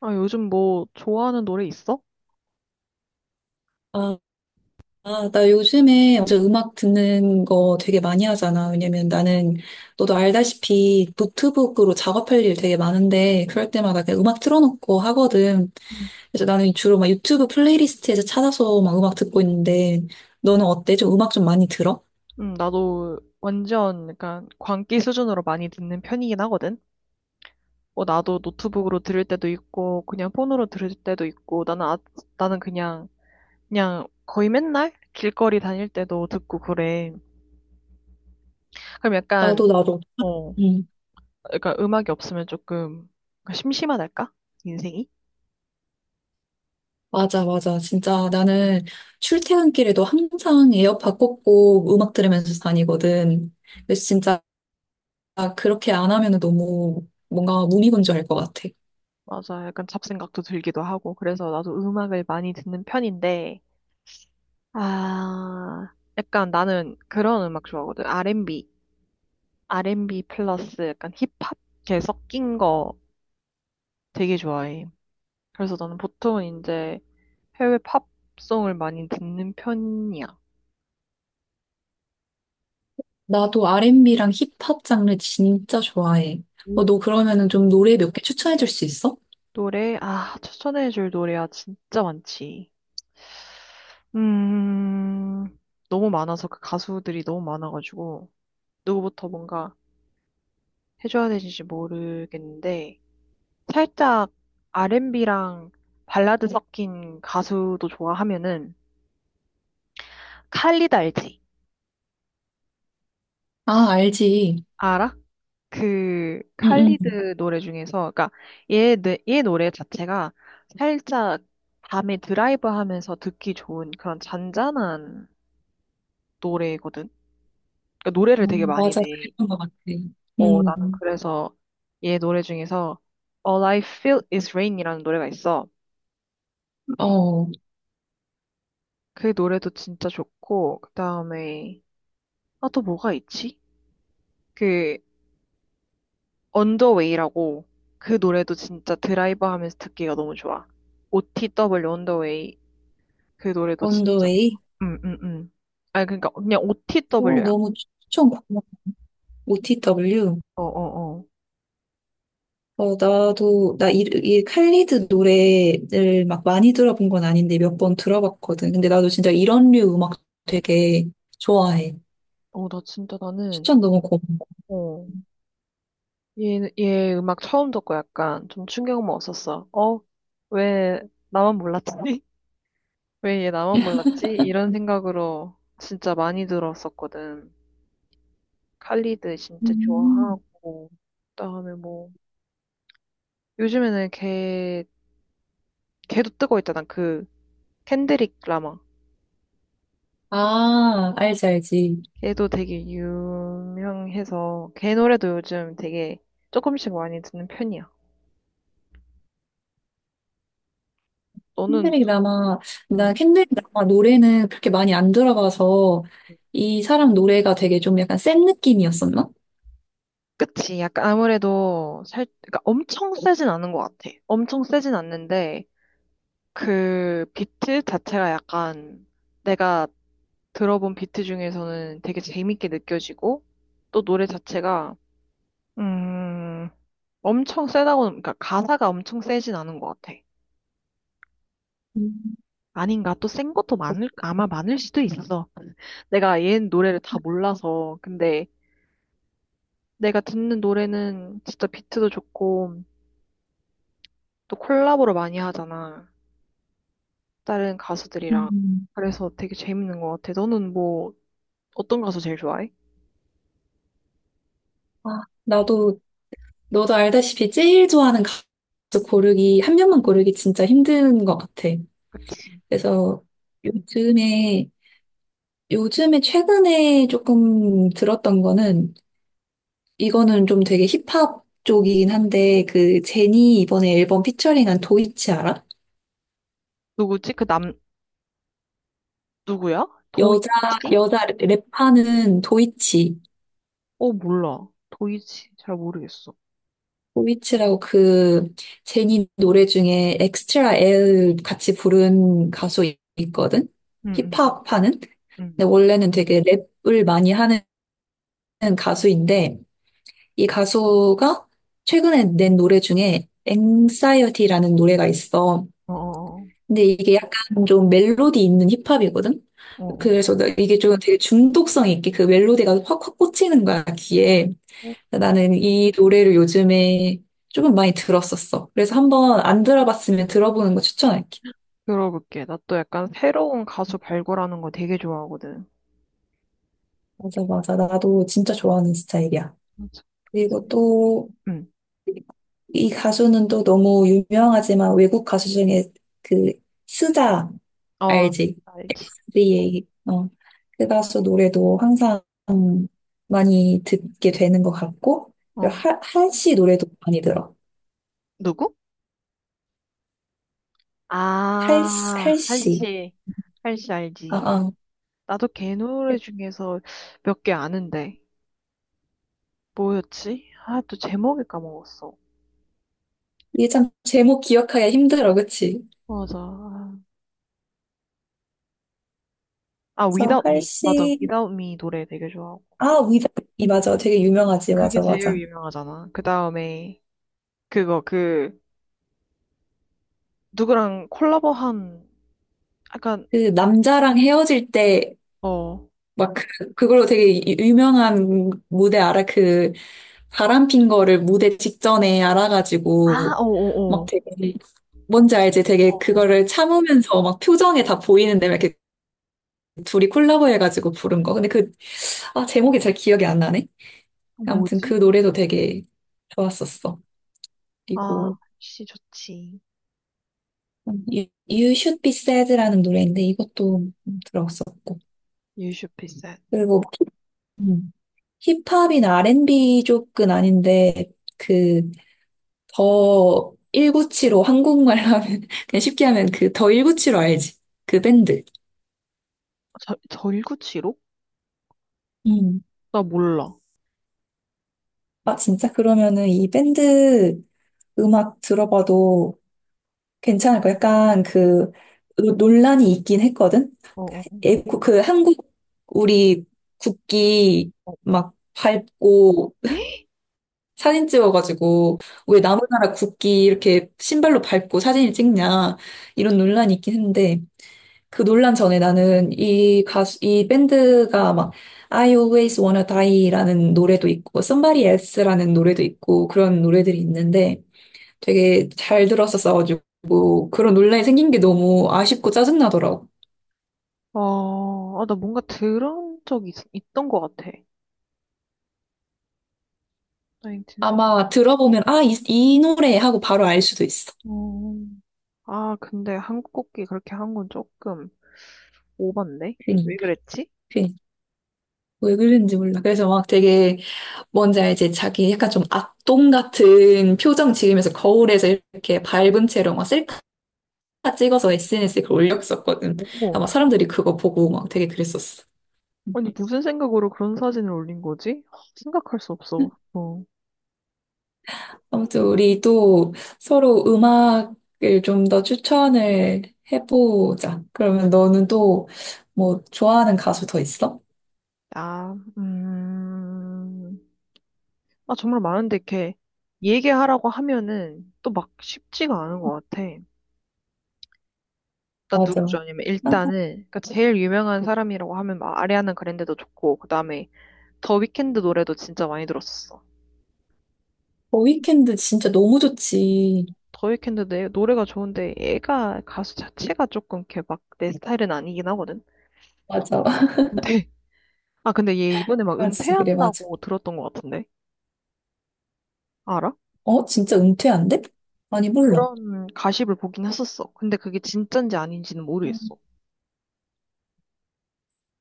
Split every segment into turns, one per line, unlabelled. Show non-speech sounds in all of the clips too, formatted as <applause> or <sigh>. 아, 요즘 뭐 좋아하는 노래 있어?
아, 아, 나 요즘에 진짜 음악 듣는 거 되게 많이 하잖아. 왜냐면 나는, 너도 알다시피 노트북으로 작업할 일 되게 많은데, 그럴 때마다 그냥 음악 틀어놓고 하거든.
응,
그래서 나는 주로 막 유튜브 플레이리스트에서 찾아서 막 음악 듣고 있는데, 너는 어때? 좀 음악 좀 많이 들어?
응, 나도 완전 약간 광기 수준으로 많이 듣는 편이긴 하거든. 뭐 나도 노트북으로 들을 때도 있고 그냥 폰으로 들을 때도 있고 나는 그냥 거의 맨날 길거리 다닐 때도 듣고 그래. 그럼 약간
나도, 나도.
어,
음.
약간 음악이 없으면 조금 심심하달까? 인생이?
맞아, 맞아. 진짜 나는 출퇴근길에도 항상 에어팟 꽂고 음악 들으면서 다니거든. 그래서 진짜 그렇게 안 하면 너무 뭔가 무미건조할 것 같아.
맞아. 약간 잡생각도 들기도 하고 그래서 나도 음악을 많이 듣는 편인데 아, 약간 나는 그런 음악 좋아하거든. R&B, R&B 플러스 약간 힙합 이렇게 섞인 거 되게 좋아해. 그래서 나는 보통 이제 해외 팝송을 많이 듣는 편이야.
나도 R&B랑 힙합 장르 진짜 좋아해. 어,
음.
너 그러면은 좀 노래 몇 개 추천해 줄 수 있어?
노래, 아, 추천해줄 노래야 진짜 많지. 음, 너무 많아서 그 가수들이 너무 많아가지고 누구부터 뭔가 해줘야 되는지 모르겠는데 살짝 R&B랑 발라드 섞인 가수도 좋아하면은 칼리드 알지?
아, 알지.
알아? 그
응응.
칼리드 노래 중에서 그러니까 얘 노래 자체가 살짝 밤에 드라이브 하면서 듣기 좋은 그런 잔잔한 노래거든. 그러니까 노래를
어,
되게 많이
맞아,
내.
그랬던 것 같아.
어, 나는
음,
그래서 얘 노래 중에서 All I Feel Is Rain이라는 노래가 있어.
어,
그 노래도 진짜 좋고 그다음에 아 또 뭐가 있지? 그 언더웨이라고 그 노래도 진짜 드라이브 하면서 듣기가 너무 좋아. OTW 언더웨이 그 노래도 진짜
언더웨이.
좋아. 응, 응, 응. 아니, 그러니까 그냥
어,
OTW야.
너무 추천 고마워. OTW.
어, 어, 어.
어, 나도, 나 이 칼리드 노래를 막 많이 들어본 건 아닌데 몇 번 들어봤거든. 근데 나도 진짜 이런 류 음악 되게 좋아해.
어, 나 진짜 나는,
추천 너무 고마워.
어, 얘, 얘 음악 처음 듣고 약간 좀 충격 먹었었어. 어, 왜 나만 몰랐지? <laughs> 왜 얘 나만 몰랐지? 이런 생각으로 진짜 많이 들었었거든. 칼리드 진짜
음.
좋아하고, 그다음에 뭐, 요즘에는 걔 걔도 뜨고 있잖아. 그 켄드릭 라마.
아, 알지, 알지.
걔도 되게 유명해서 걔 노래도 요즘 되게 조금씩 많이 듣는 편이야. 너는
켄드릭
누-
라마,
음,
나 켄드릭 라마 노래는 그렇게 많이 안 들어봐서
음.
이 사람 노래가 되게 좀 약간 센 느낌이었었나?
그치. 약간 아무래도 살, 그러니까 엄청 세진 않은 것 같아. 엄청 세진 않는데 그 비트 자체가 약간 내가 들어본 비트 중에서는 되게 재밌게 느껴지고 또 노래 자체가 음, 엄청 세다고, 그러니까 가사가 엄청 세진 않은 것 같아.
음,
아닌가? 또 센 것도 많을, 아마 많을 수도 있어. 내가 얘 노래를 다 몰라서. 근데 내가 듣는 노래는 진짜 비트도 좋고, 또 콜라보를 많이 하잖아. 다른 가수들이랑.
음.
그래서 되게 재밌는 것 같아. 너는 뭐, 어떤 가수 제일 좋아해?
아, 나도 너도 알다시피 제일 좋아하는 가수 고르기 한 명만 고르기 진짜 힘든 것 같아.
그치.
그래서 요즘에 요즘에 최근에 조금 들었던 거는 이거는 좀 되게 힙합 쪽이긴 한데 그 제니 이번에 앨범 피처링한 도이치 알아?
누구지? 그 남, 누구야?
여자,
도이치?
여자 랩하는 도이치.
어, 몰라. 도이치. 잘 모르겠어.
도이치라고 그 제니 노래 중에 엑스트라 L 같이 부른 가수 있거든?
응, 응,
힙합 하는?
응.
근데
응.
원래는 되게 랩을 많이 하는 가수인데 이 가수가 최근에 낸 노래 중에 x 사이어티라는 노래가 있어.
어, 어,
근데 이게 약간 좀 멜로디 있는 힙합이거든?
어, 어.
그래서 나 이게 좀 되게 중독성 있게 그 멜로디가 확확 꽂히는 거야, 귀에.
어.
나는 이 노래를 요즘에 조금 많이 들었었어. 그래서 한번 안 들어봤으면 들어보는 거 추천할게.
들어볼게. 나 또 약간 새로운 가수 발굴하는 거 되게 좋아하거든.
맞아, 맞아. 나도 진짜 좋아하는 스타일이야.
맞아.
그리고 또,
응.
이 가수는 또 너무 유명하지만 외국 가수 중에 그, 스자,
어,
알지?
알지.
SZA. 어. 그 가수 노래도 항상 많이 듣게 되는 것 같고, 그리고
어.
할씨 노래도 많이 들어.
누구?
할,
아,
할씨.
한씨. 한씨
아,
알지.
아.
나도 걔 노래 중에서 몇 개 아는데. 뭐였지? 아, 또 제목을 까먹었어.
이게 참 제목 기억하기가 힘들어, 그치?
맞아. 아,
그래서
Without Me. 맞아.
할시,
Without Me 노래 되게 좋아하고.
아, 위다이 맞아. 되게 유명하지.
그게
맞아,
제일
맞아.
유명하잖아. 그 다음에, 그거, 그, 누구랑 콜라보한, 약간,
그 남자랑 헤어질 때,
어.
막, 그, 그걸로 되게 유명한 무대 알아? 그, 바람 핀 거를 무대 직전에
아,
알아가지고, 막
어어어.
되게, 뭔지 알지?
어.
되게
어, 어.
그거를 참으면서 막 표정에 다 보이는데, 막 이렇게 둘이 콜라보 해가지고 부른 거. 근데 그, 아, 제목이 잘 기억이 안 나네?
어.
아무튼 그
뭐지?
노래도 되게 좋았었어.
아,
그리고,
한씨 좋지.
You Should Be Sad라는 노래인데 이것도 들었었고.
e sad.
그리고 음, 힙합이나 R&B 쪽은 아닌데 그 더 1975 한국말 하면 <laughs> 그냥 쉽게 하면 그 더 1975 알지? 그 밴드.
절, 절구치로?
음.
나 몰라.
아 진짜 그러면은 이 밴드 음악 들어봐도
아,
괜찮을 거
좋아.
약간 그 논란이 있긴 했거든.
어, 어,
예, 그 한국 우리 국기
어.
막 밟고 사진 찍어가지고 왜 남의 나라 국기 이렇게 신발로 밟고 사진을 찍냐 이런 논란이 있긴 했는데 그 논란 전에 나는 이 가수 이 밴드가 막 I Always Wanna Die라는 노래도 있고 Somebody Else라는 노래도 있고 그런 노래들이 있는데 되게 잘 들었었어가지고 그런 논란이 생긴 게 너무 아쉽고 짜증나더라고.
어, 아, 나 뭔가 들은 적이 있던 것 같아. 1인틴0
아마 들어보면 아, 이 노래 하고 바로 알 수도 있어.
어, 아, 근데 한국 국기 그렇게 한 건 조금 오반데?
괜히.
왜 그랬지?
왜 그랬는지 몰라. 그래서 막 되게 뭔지 알지? 자기 약간 좀 악동 같은 표정 지으면서 거울에서 이렇게 밟은 채로 막 셀카 찍어서 SNS에 그걸 올렸었거든.
어머,
아마
그,
사람들이 그거 보고 막 되게 그랬었어.
아니, 무슨 생각으로 그런 사진을 올린 거지? 아, 생각할 수 없어. 어.
아무튼 우리 또 서로 음악을 좀 더 추천을 해보자. 그러면 너는 또 뭐 좋아하는 가수 더 있어?
아, 아, 정말 많은데, 이렇게 얘기하라고 하면은 또 막 쉽지가 않은 것 같아. 나 누구
맞아.
죠 아니면 일단은
항상
그러니까 제일 유명한 사람이라고 하면 막 아리아나 그랜데도 좋고 그다음에 더 위켄드 노래도 진짜 많이 들었었어.
더 위켄드 진짜 너무 좋지.
더 위켄드 내 노래가 좋은데 얘가 가수 자체가 조금 이렇게 막 내 스타일은 아니긴 하거든.
맞아. <laughs>
근데 아 근데 얘 이번에 막
그래, 진짜 그래, 맞아.
은퇴한다고 들었던 것 같은데 알아?
어? 진짜 은퇴한대? 아니, 몰라.
그런 가십을 보긴 했었어. 근데 그게 진짠지 아닌지는 모르겠어.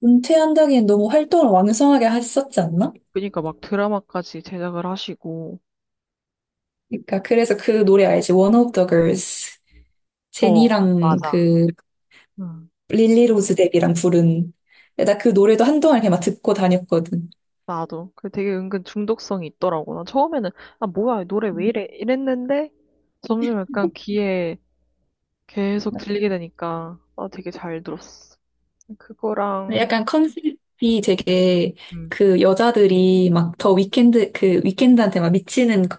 은퇴한다기엔 너무 활동을 왕성하게 했었지 않나?
그러니까 막 드라마까지 제작을 하시고
그러니까 그래서 그 노래 알지? One of the Girls.
어
제니랑
맞아.
그
음.
릴리 로즈 뎁이랑 부른. 나 그 노래도 한동안 그냥 막 듣고 다녔거든.
나도. 그 되게 은근 중독성이 있더라고. 나 처음에는, 아, 뭐야, 이 노래 왜 이래? 이랬는데, 점점 약간 귀에 계속 들리게 되니까, 아, 되게 잘 들었어.
근데
그거랑,
약간 컨셉이 되게
음,
그 여자들이 막 더 위켄드 그 위켄드한테 막 미치는 그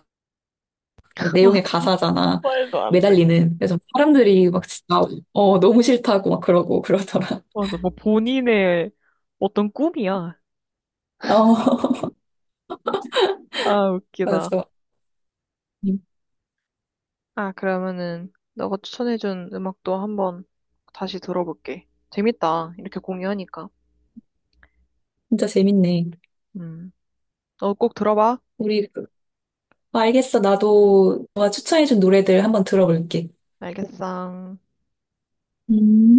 <laughs> 맞아,
내용의 가사잖아.
말도 안 돼.
매달리는. 그래서 사람들이 막 진짜 어 너무 싫다고 막 그러고 그러더라.
맞아, 뭐 본인의 어떤 꿈이야.
<laughs> 어.
아, 웃기다.
맞아. 음,
아, 그러면은, 너가 추천해준 음악도 한번 다시 들어볼게. 재밌다. 이렇게 공유하니까.
진짜 재밌네.
음, 너 꼭 들어봐.
우리, 알겠어. 나도 너가 추천해준 노래들 한번 들어볼게.
알겠어.
음.